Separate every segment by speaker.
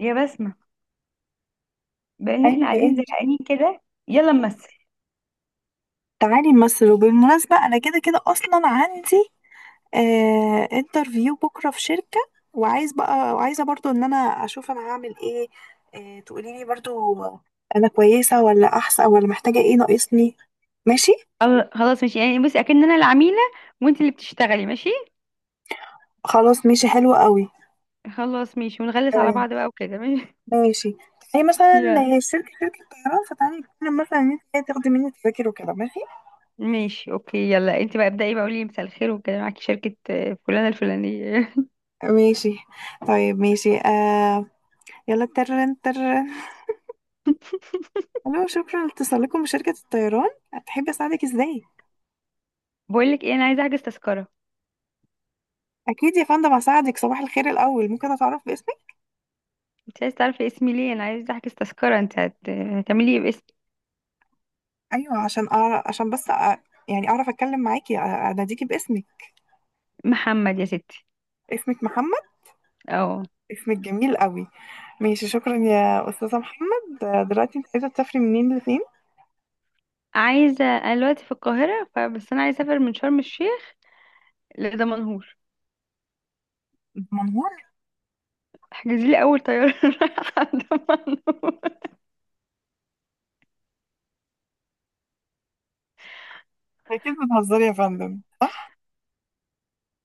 Speaker 1: يا بسمة، بقى ان احنا
Speaker 2: ايوه،
Speaker 1: قاعدين
Speaker 2: انت.
Speaker 1: زهقانين كده. يلا نمثل.
Speaker 2: تعالي نمثل، وبالمناسبة انا كده كده اصلا عندي انترفيو بكرة في شركة، وعايزة برضو ان انا اشوف انا هعمل ايه. تقولي لي برضو انا كويسة ولا احسن، ولا محتاجة ايه، ناقصني. ماشي.
Speaker 1: خلاص ماشي يعني. بصي اكن انا العميلة وانت اللي بتشتغلي، ماشي؟
Speaker 2: خلاص، ماشي، حلو قوي.
Speaker 1: خلاص ماشي، ونغلس على
Speaker 2: تمام.
Speaker 1: بعض بقى وكده، ماشي؟
Speaker 2: ماشي. تعالي مثلا.
Speaker 1: يلا.
Speaker 2: الشركة شركة طيران، فتعالي نتكلم مثلا ان انت تاخدي مني تذاكر وكده. ماشي،
Speaker 1: ماشي اوكي. يلا انت بقى ابدأي بقى، قولي لي مساء الخير وكده، معاكي شركة فلانة الفلانية.
Speaker 2: ماشي. طيب، ماشي. يلا، ترن ترن. الو، شكرا لاتصالكم بشركة الطيران، هتحب اساعدك ازاي؟
Speaker 1: بقول لك ايه، انا عايزة احجز تذكرة.
Speaker 2: اكيد يا فندم هساعدك. صباح الخير. الاول، ممكن اتعرف باسمك؟
Speaker 1: انت عايزة تعرفي اسمي ليه؟ انا عايزة احجز تذكرة، انت هتعملي ايه باسم؟
Speaker 2: ايوه، عشان أعرف، عشان بس يعني اعرف اتكلم معاكي، اناديكي باسمك.
Speaker 1: محمد يا ستي.
Speaker 2: اسمك محمد؟
Speaker 1: اه.
Speaker 2: اسمك جميل قوي. ماشي، شكرا يا استاذة محمد. دلوقتي انت عايزة تسافري منين لفين؟
Speaker 1: عايزة، انا دلوقتي في القاهرة فبس انا عايزة اسافر من شرم الشيخ لدمنهور.
Speaker 2: منهور؟
Speaker 1: احجزي لي اول طياره رايحه عند منو.
Speaker 2: اكيد بتهزري يا فندم، صح؟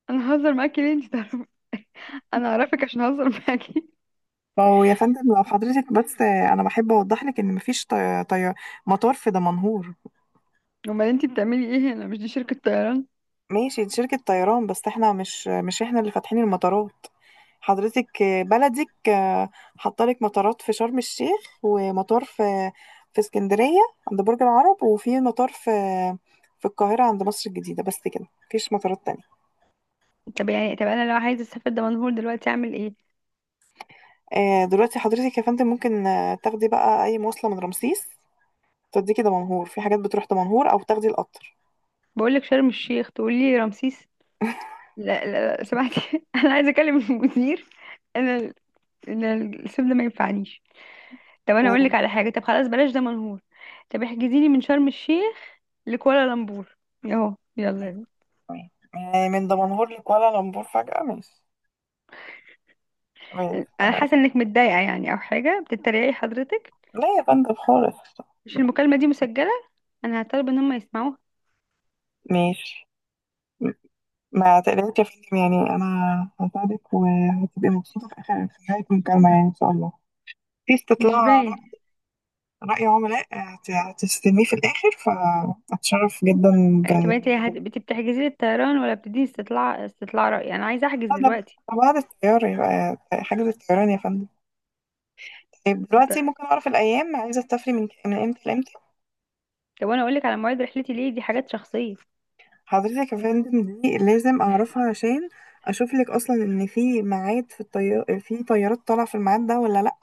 Speaker 1: انا ههزر معاكي ليه؟ انت تعرفي انا؟ اعرفك عشان اهزر معاكي؟
Speaker 2: فهو يا فندم، لو حضرتك بس، انا بحب اوضح لك ان مفيش مطار في دمنهور.
Speaker 1: امال انت بتعملي ايه هنا؟ مش دي شركه طيران؟
Speaker 2: ماشي، دي شركة طيران بس احنا مش احنا اللي فاتحين المطارات، حضرتك، بلدك. حطلك مطارات في شرم الشيخ، ومطار في في اسكندرية عند برج العرب، وفي مطار في في القاهرة عند مصر الجديدة. بس كده، مفيش مطارات تانية.
Speaker 1: طب انا لو عايزه اسافر دمنهور دلوقتي اعمل ايه؟
Speaker 2: دلوقتي حضرتك يا فندم ممكن تاخدي بقى أي مواصلة من رمسيس توديكي دمنهور، في حاجات بتروح دمنهور، أو تاخدي القطر.
Speaker 1: بقول لك شرم الشيخ تقولي لي رمسيس. لا لا لا، سمعتي؟ انا عايزه اكلم المدير. انا ال- انا الاسم ده ما ينفعنيش. طب انا اقول لك
Speaker 2: مم.
Speaker 1: على حاجه، طب خلاص، بلاش دمنهور. طب احجزي لي من شرم الشيخ لكوالالمبور. اهو يلا يلا.
Speaker 2: تمام. يعني من دمنهور لكوالا لمبور فجأة؟ ماشي، ماشي،
Speaker 1: انا
Speaker 2: تمام.
Speaker 1: حاسه انك متضايقه يعني، او حاجه، بتتريقي حضرتك؟
Speaker 2: لا يا فندم خالص.
Speaker 1: مش المكالمة دي مسجلة؟ أنا هطلب إن هم يسمعوها.
Speaker 2: ماشي. ما تقلقش يا فندم، يعني انا هساعدك، وهتبقي مبسوطه في اخر، في نهايه المكالمه يعني ان شاء الله. في
Speaker 1: مش باين.
Speaker 2: رأي عملاء هتستلميه في الاخر، فاتشرف جدا
Speaker 1: طب
Speaker 2: ب
Speaker 1: انت بتحجزي لي الطيران ولا بتديني استطلاع رأي؟ يعني أنا عايزة أحجز
Speaker 2: هذا.
Speaker 1: دلوقتي.
Speaker 2: بعد الطيار يبقى حجز الطيران يا فندم. طيب،
Speaker 1: طب
Speaker 2: دلوقتي ممكن اعرف الايام عايزه تسافري من امتى لامتى؟
Speaker 1: طب وأنا أقولك على مواعيد رحلتي ليه؟ دي حاجات شخصية.
Speaker 2: حضرتك يا فندم دي لازم اعرفها عشان اشوف لك اصلا ان في ميعاد، في الطيار، في طيارات طالعه في الميعاد ده ولا لا،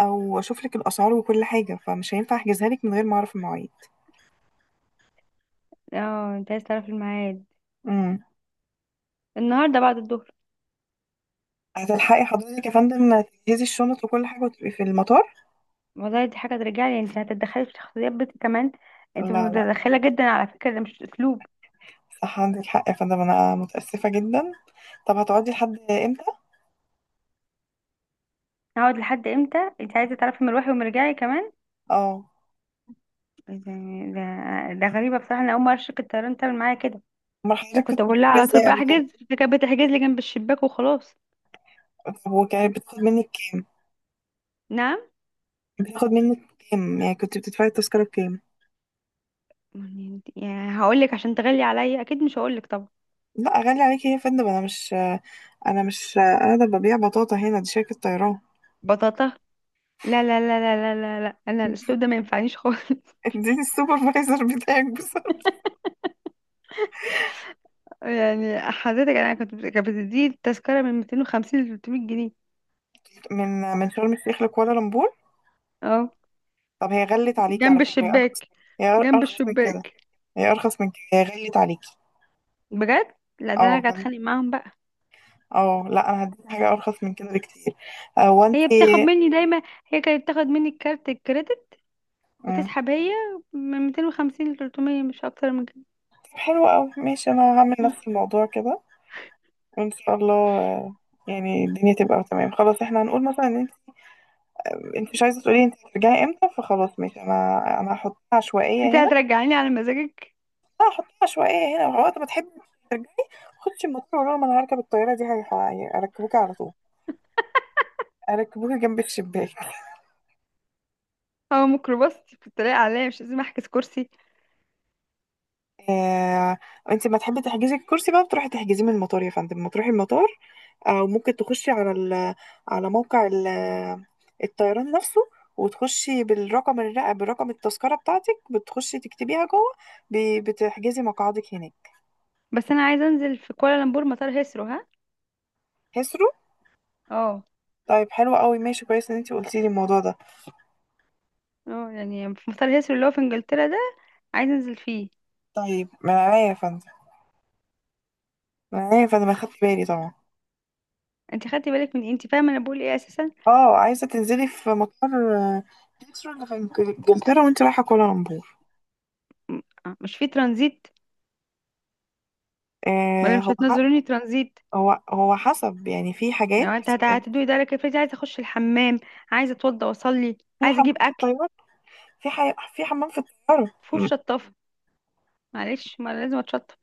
Speaker 2: او اشوف لك الاسعار وكل حاجه، فمش هينفع احجزها لك من غير ما اعرف المواعيد.
Speaker 1: اه، انت عايز تعرف الميعاد؟
Speaker 2: امم.
Speaker 1: النهاردة بعد الظهر.
Speaker 2: هتلحقي حضرتك يا فندم تجهزي الشنط وكل حاجة وتبقي في المطار؟
Speaker 1: والله دي حاجة ترجعلي؟ انت هتتدخلي في شخصيات بنتي كمان؟ انت
Speaker 2: لا، لا.
Speaker 1: متدخلة جدا على فكرة، ده مش أسلوب.
Speaker 2: صح، عندك حق يا فندم، أنا متأسفة جدا. طب هتقعدي لحد إمتى؟
Speaker 1: هقعد لحد امتى؟ انت عايزة تعرفي مروحي ومرجعي كمان؟
Speaker 2: اه.
Speaker 1: ده, ده غريبة بصراحة، أنا أول مرة شركة الطيران تعمل معايا كده.
Speaker 2: أمال حضرتك
Speaker 1: كنت
Speaker 2: كنت
Speaker 1: بقول لها
Speaker 2: بتفكري
Speaker 1: على طول
Speaker 2: إزاي
Speaker 1: بقى
Speaker 2: قبل كده؟
Speaker 1: احجز، فكانت بتحجز لي جنب الشباك وخلاص.
Speaker 2: طب وكانت بتاخد منك كام؟
Speaker 1: نعم؟
Speaker 2: بتاخد منك كام؟ يعني كنت بتدفعي التذكرة بكام؟
Speaker 1: يعني هقول لك عشان تغلي عليا؟ اكيد مش هقول لك طبعا.
Speaker 2: لا، غالي عليكي يا فندم؟ أنا مش قاعدة ببيع بطاطا هنا، دي شركة طيران.
Speaker 1: بطاطا؟ لا لا لا لا لا لا لا، انا الاسلوب ده ما ينفعنيش خالص.
Speaker 2: اديني السوبرفايزر بتاعك بسرعة.
Speaker 1: يعني حضرتك انا كانت بتدي التذكره من 250 ل 300 جنيه.
Speaker 2: من شرم الشيخ لكوالالمبور؟
Speaker 1: اه
Speaker 2: طب هي غلت عليكي على
Speaker 1: جنب
Speaker 2: فكرة، هي أرخص.
Speaker 1: الشباك
Speaker 2: هي
Speaker 1: جنب
Speaker 2: أرخص من كده
Speaker 1: الشباك.
Speaker 2: هي ارخص من كده، هي غليت عليكي.
Speaker 1: بجد، لا ده انا
Speaker 2: اه
Speaker 1: قاعد
Speaker 2: غل-
Speaker 1: اتخانق معاهم بقى.
Speaker 2: اه لا، انا هديكي حاجه ارخص من كده بكتير. هو انت
Speaker 1: هي بتاخد مني دايما. هي كانت بتاخد مني الكارت الكريدت وتسحب هي من 250 ل 300، مش اكتر من
Speaker 2: طب، حلو قوي، ماشي، انا هعمل
Speaker 1: كده.
Speaker 2: نفس الموضوع كده، وان شاء الله يعني الدنيا تبقى تمام. خلاص، احنا هنقول مثلا ان انت مش عايزه تقولي انت هترجعي امتى، فخلاص، ماشي، انا هحطها عشوائيه
Speaker 1: انت
Speaker 2: هنا.
Speaker 1: هترجعيني على مزاجك؟
Speaker 2: لا، هحطها عشوائيه هنا، وقت ما تحبي ترجعي خدش المطار وقولي لهم انا هركب الطياره دي، هيركبوكي على طول، اركبوكي جنب الشباك.
Speaker 1: هو ميكروباص في الطريق عليا مش لازم احجز كرسي؟
Speaker 2: آه، انت ما تحبي تحجزي الكرسي بقى، بتروحي تحجزيه من المطار يا فندم، ما تروحي المطار، او ممكن تخشي على على موقع الطيران نفسه، وتخشي بالرقم برقم التذكرة بتاعتك، بتخشي تكتبيها جوه، بتحجزي مقعدك هناك.
Speaker 1: بس انا عايزه انزل في كوالالمبور مطار هيثرو، ها؟
Speaker 2: كسروا.
Speaker 1: اه.
Speaker 2: طيب، حلو قوي، ماشي، كويس ان انت قلتي لي الموضوع ده.
Speaker 1: اه يعني في مطار هيثرو اللي هو في انجلترا ده، عايزه انزل فيه.
Speaker 2: طيب، من عينيا يا فندم، اخدت بالي طبعا.
Speaker 1: انت خدتي بالك من إيه؟ انت فاهمه انا بقول ايه اساسا؟
Speaker 2: اه، عايزة تنزلي في مطار، آه، كسرو اللي في انجلترا، وانت رايحة كوالالمبور.
Speaker 1: مش في ترانزيت؟ ولا
Speaker 2: آه،
Speaker 1: مش هتنزلوني ترانزيت؟
Speaker 2: هو حسب يعني، في حاجات.
Speaker 1: يعني انت هتدوي ده لك؟ افرضي عايزه اخش الحمام، عايزه اتوضى واصلي،
Speaker 2: في
Speaker 1: عايزه
Speaker 2: حمام
Speaker 1: اجيب
Speaker 2: في
Speaker 1: اكل.
Speaker 2: الطيارة، في حمام في الطيارة.
Speaker 1: فوش شطافه؟ معلش ما أنا لازم اتشطف.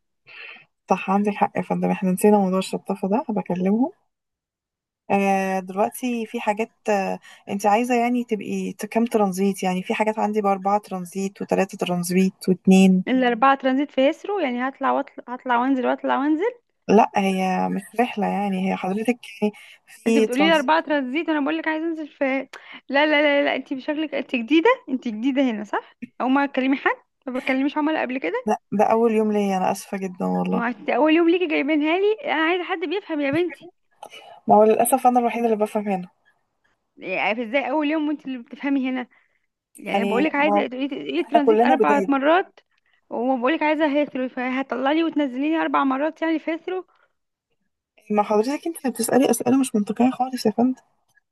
Speaker 2: صح، عندك حق يا فندم، احنا نسينا موضوع الشطافة ده، بكلمهم. دلوقتي في حاجات. انت عايزة يعني تبقي كام ترانزيت؟ يعني في حاجات عندي ب4 ترانزيت، وتلاتة ترانزيت، واتنين.
Speaker 1: الا اربعه ترانزيت في هيثرو، يعني هطلع واطلع هطلع وانزل واطلع وانزل؟
Speaker 2: لا، هي مش رحلة يعني، هي حضرتك يعني
Speaker 1: انت
Speaker 2: في
Speaker 1: بتقولي لي
Speaker 2: ترانزيت.
Speaker 1: اربعه ترانزيت وانا بقول لك عايزه انزل في، لا لا لا لا، انت بشكلك انت جديده هنا، صح؟ او ما تكلمي حد، ما بتكلميش عملاء قبل كده؟
Speaker 2: لا، ده أول يوم ليا، أنا آسفة جدا والله.
Speaker 1: ما انت اول يوم ليكي جايبينها لي، انا عايزه حد بيفهم يا بنتي.
Speaker 2: ما هو للأسف أنا الوحيدة اللي بفهم هنا،
Speaker 1: يعني ازاي اول يوم وانت اللي بتفهمي هنا؟ يعني بقول
Speaker 2: يعني
Speaker 1: لك
Speaker 2: ما
Speaker 1: عايزه تقولي
Speaker 2: احنا
Speaker 1: ترانزيت
Speaker 2: كلنا
Speaker 1: اربع
Speaker 2: جداد.
Speaker 1: مرات. وما بقول لك عايزه هيثرو؟ فهتطلعي وتنزليني اربع مرات يعني في هيثرو؟
Speaker 2: ما حضرتك انت اللي بتسألي أسئلة مش منطقية خالص يا فندم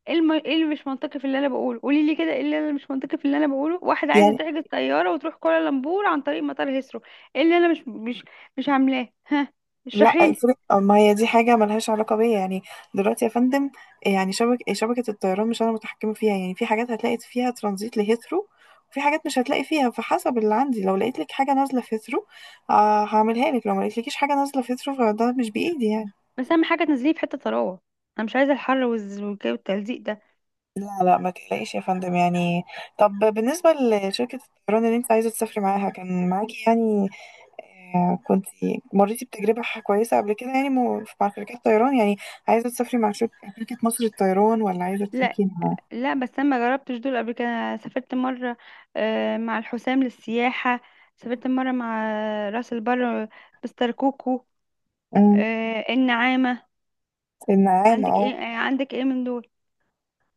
Speaker 1: ايه اللي مش منطقي في اللي انا بقوله؟ قولي لي كده ايه اللي انا مش منطقي في اللي انا بقوله. واحده عايزه
Speaker 2: يعني.
Speaker 1: تحجز طياره وتروح كوالالمبور عن طريق مطار هيسرو. ايه اللي انا مش عاملاه، ها؟
Speaker 2: لا
Speaker 1: اشرحي لي.
Speaker 2: افرق، ما هي دي حاجة ملهاش علاقة بيا يعني. دلوقتي يا فندم، يعني شبكة الطيران مش أنا متحكمة فيها يعني، في حاجات هتلاقي فيها ترانزيت لهيثرو، وفي حاجات مش هتلاقي فيها. فحسب اللي عندي، لو لقيت لك حاجة نازلة في هيثرو هعملها لك، لو ما لقيتلكيش حاجة نازلة في هيثرو فده مش بإيدي يعني.
Speaker 1: بس اهم حاجه تنزليه في حته طراوه، انا مش عايزه الحر والتلزيق ده.
Speaker 2: لا، لا، ما تقلقيش يا فندم يعني. طب بالنسبة لشركة الطيران اللي انت عايزة تسافري معاها، كان معاكي يعني كنت مريتي بتجربة كويسة قبل كده يعني، مع شركات طيران يعني؟ عايزة تسافري مع شركة مصر للطيران، ولا عايزة
Speaker 1: لا
Speaker 2: تسافري مع...
Speaker 1: لا، بس انا ما جربتش دول قبل كده. أنا سافرت مره، مع الحسام للسياحه. سافرت مره مع راس البر، مستر كوكو،
Speaker 2: مم.
Speaker 1: النعامه.
Speaker 2: النعامة؟ اه،
Speaker 1: عندك ايه من دول؟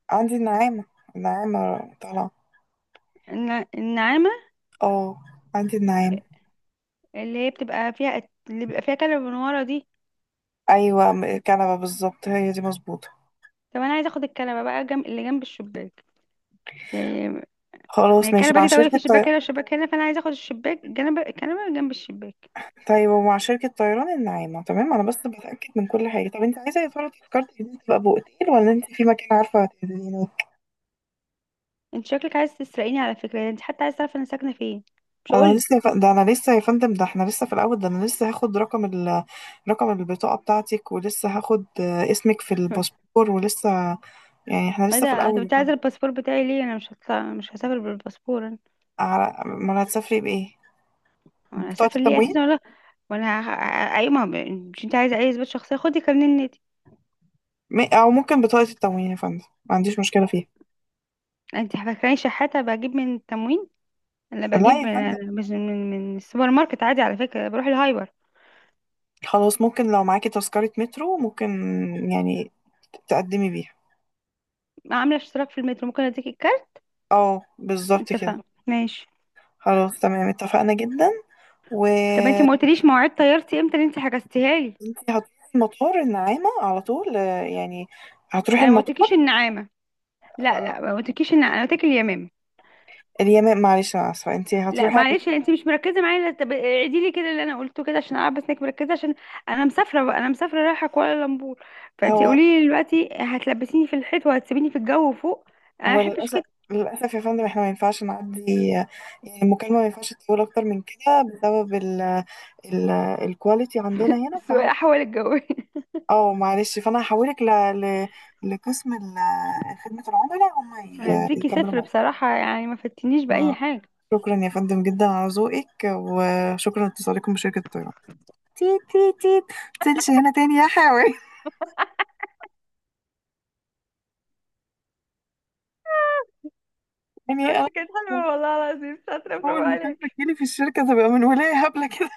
Speaker 2: عندي النعامة، النعامة طالعة.
Speaker 1: النعامه
Speaker 2: اه، عندي النعامة.
Speaker 1: اللي هي بتبقى فيها، اللي بيبقى فيها كنبة من ورا دي.
Speaker 2: أيوة، كنبة بالظبط، هي دي مظبوطة.
Speaker 1: طب انا عايزه اخد الكنبه بقى جنب، اللي جنب الشباك، يعني. ما هي
Speaker 2: خلاص، ماشي،
Speaker 1: الكنبه
Speaker 2: مع
Speaker 1: دي طويله، في
Speaker 2: شركة
Speaker 1: شباك هنا وشباك هنا، فانا عايزه اخد الشباك جنب الكنبه جنب الشباك.
Speaker 2: طيب، ومع شركة طيران النعامة تمام. أنا بس بتأكد من كل حاجة. طب أنت عايزة يا ترى تذكرتي دي تبقى بأوتيل، ولا أنت في مكان عارفة هتنزلي؟
Speaker 1: انت شكلك عايز تسرقيني على فكره يعني، انت حتى عايز تعرف انا ساكنه فين؟ مش
Speaker 2: انا
Speaker 1: هقولك.
Speaker 2: لسه يا ف... ده انا لسه يا فندم، ده احنا لسه في الاول، ده انا لسه هاخد رقم رقم البطاقة بتاعتك، ولسه هاخد اسمك في الباسبور، ولسه يعني احنا
Speaker 1: ايه
Speaker 2: لسه في
Speaker 1: ده، انت
Speaker 2: الاول يا
Speaker 1: انت
Speaker 2: فندم.
Speaker 1: عايزه الباسبور بتاعي ليه؟ انا مش هطلع، مش هسافر بالباسبور انا.
Speaker 2: على ما أنا، هتسافري بايه؟
Speaker 1: انا
Speaker 2: بطاقة
Speaker 1: هسافر ليه
Speaker 2: التموين؟
Speaker 1: اساسا ولا؟ وانا ه- ايوه ما هو، مش انت عايزه اي اثبات شخصيه؟ خدي كارنيه النادي.
Speaker 2: او ممكن بطاقة التموين يا فندم، ما عنديش مشكلة فيها.
Speaker 1: انت فاكراني شحاته بجيب من التموين؟ انا
Speaker 2: لا
Speaker 1: بجيب
Speaker 2: يا
Speaker 1: من
Speaker 2: فندم،
Speaker 1: من من من السوبر ماركت عادي، على فكره بروح الهايبر.
Speaker 2: خلاص، ممكن لو معاكي تذكرة مترو، ممكن يعني تقدمي بيها.
Speaker 1: عامله اشتراك في المترو، ممكن اديك الكارت.
Speaker 2: اه، بالظبط كده.
Speaker 1: اتفقنا ماشي.
Speaker 2: خلاص، تمام، اتفقنا جدا. و...
Speaker 1: طب انت ما قلتليش مواعيد طيارتي امتى اللي انت حجزتيها لي؟
Speaker 2: انت هتروحي المطار النعامة على طول. يعني هتروحي
Speaker 1: انا ما قلتلكيش
Speaker 2: المطار.
Speaker 1: النعامه، لا
Speaker 2: آه،
Speaker 1: لا، ما قلتلكيش النعامه، انا قلت لك اليمامه.
Speaker 2: اليمن، معلش انا اسفة، انت
Speaker 1: لا
Speaker 2: هتروحي على
Speaker 1: معلش، انت مش مركزه معايا، لا، طب اعيدي لي كده اللي انا قلته كده عشان اعرف بس انك مركزه، عشان انا مسافره بقى، انا مسافره رايحه كوالالمبور. فانت
Speaker 2: هو
Speaker 1: قولي لي دلوقتي، هتلبسيني في الحيط وهتسيبيني في الجو فوق؟ انا ما
Speaker 2: هو
Speaker 1: بحبش
Speaker 2: للأسف،
Speaker 1: كده.
Speaker 2: للأسف يا فندم احنا ما ينفعش نعدي. آه، يعني المكالمة ما ينفعش تطول أكتر من كده بسبب ال ال الكواليتي عندنا هنا
Speaker 1: السواقه حول الجو.
Speaker 2: اه، معلش، فأنا هحولك ل... لقسم خدمة العملاء، هم
Speaker 1: هديكي
Speaker 2: يكملوا
Speaker 1: صفر
Speaker 2: معاك.
Speaker 1: بصراحة، يعني ما فتنيش بأي
Speaker 2: ما-
Speaker 1: حاجة.
Speaker 2: شكرا يا فندم جدا على ذوقك، وشكرا لاتصالكم بشركة الطيران. تيت تيت تيت. تنش هنا تاني يا حيوان. يعني
Speaker 1: بس
Speaker 2: أنا
Speaker 1: كانت حلوة والله العظيم، شاطرة، برافو
Speaker 2: أول مكالمة
Speaker 1: عليك.
Speaker 2: تجيلي في الشركة تبقى من ولاية هبلة كده،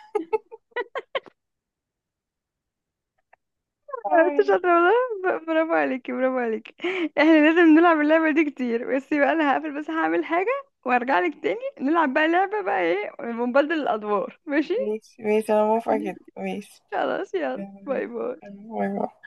Speaker 1: انت
Speaker 2: أوي.
Speaker 1: شاطرة والله، برافو عليكي، برافو عليكي. احنا لازم نلعب اللعبة دي كتير، بس بقى انا هقفل، بس هعمل حاجة وارجع لك تاني. نلعب بقى لعبة بقى ايه، ونبدل الأدوار، ماشي.
Speaker 2: ماشي، ماشي، أنا موافقة جدا، ماشي.
Speaker 1: خلاص، يلا
Speaker 2: يلا بينا.
Speaker 1: باي باي.
Speaker 2: باي باي.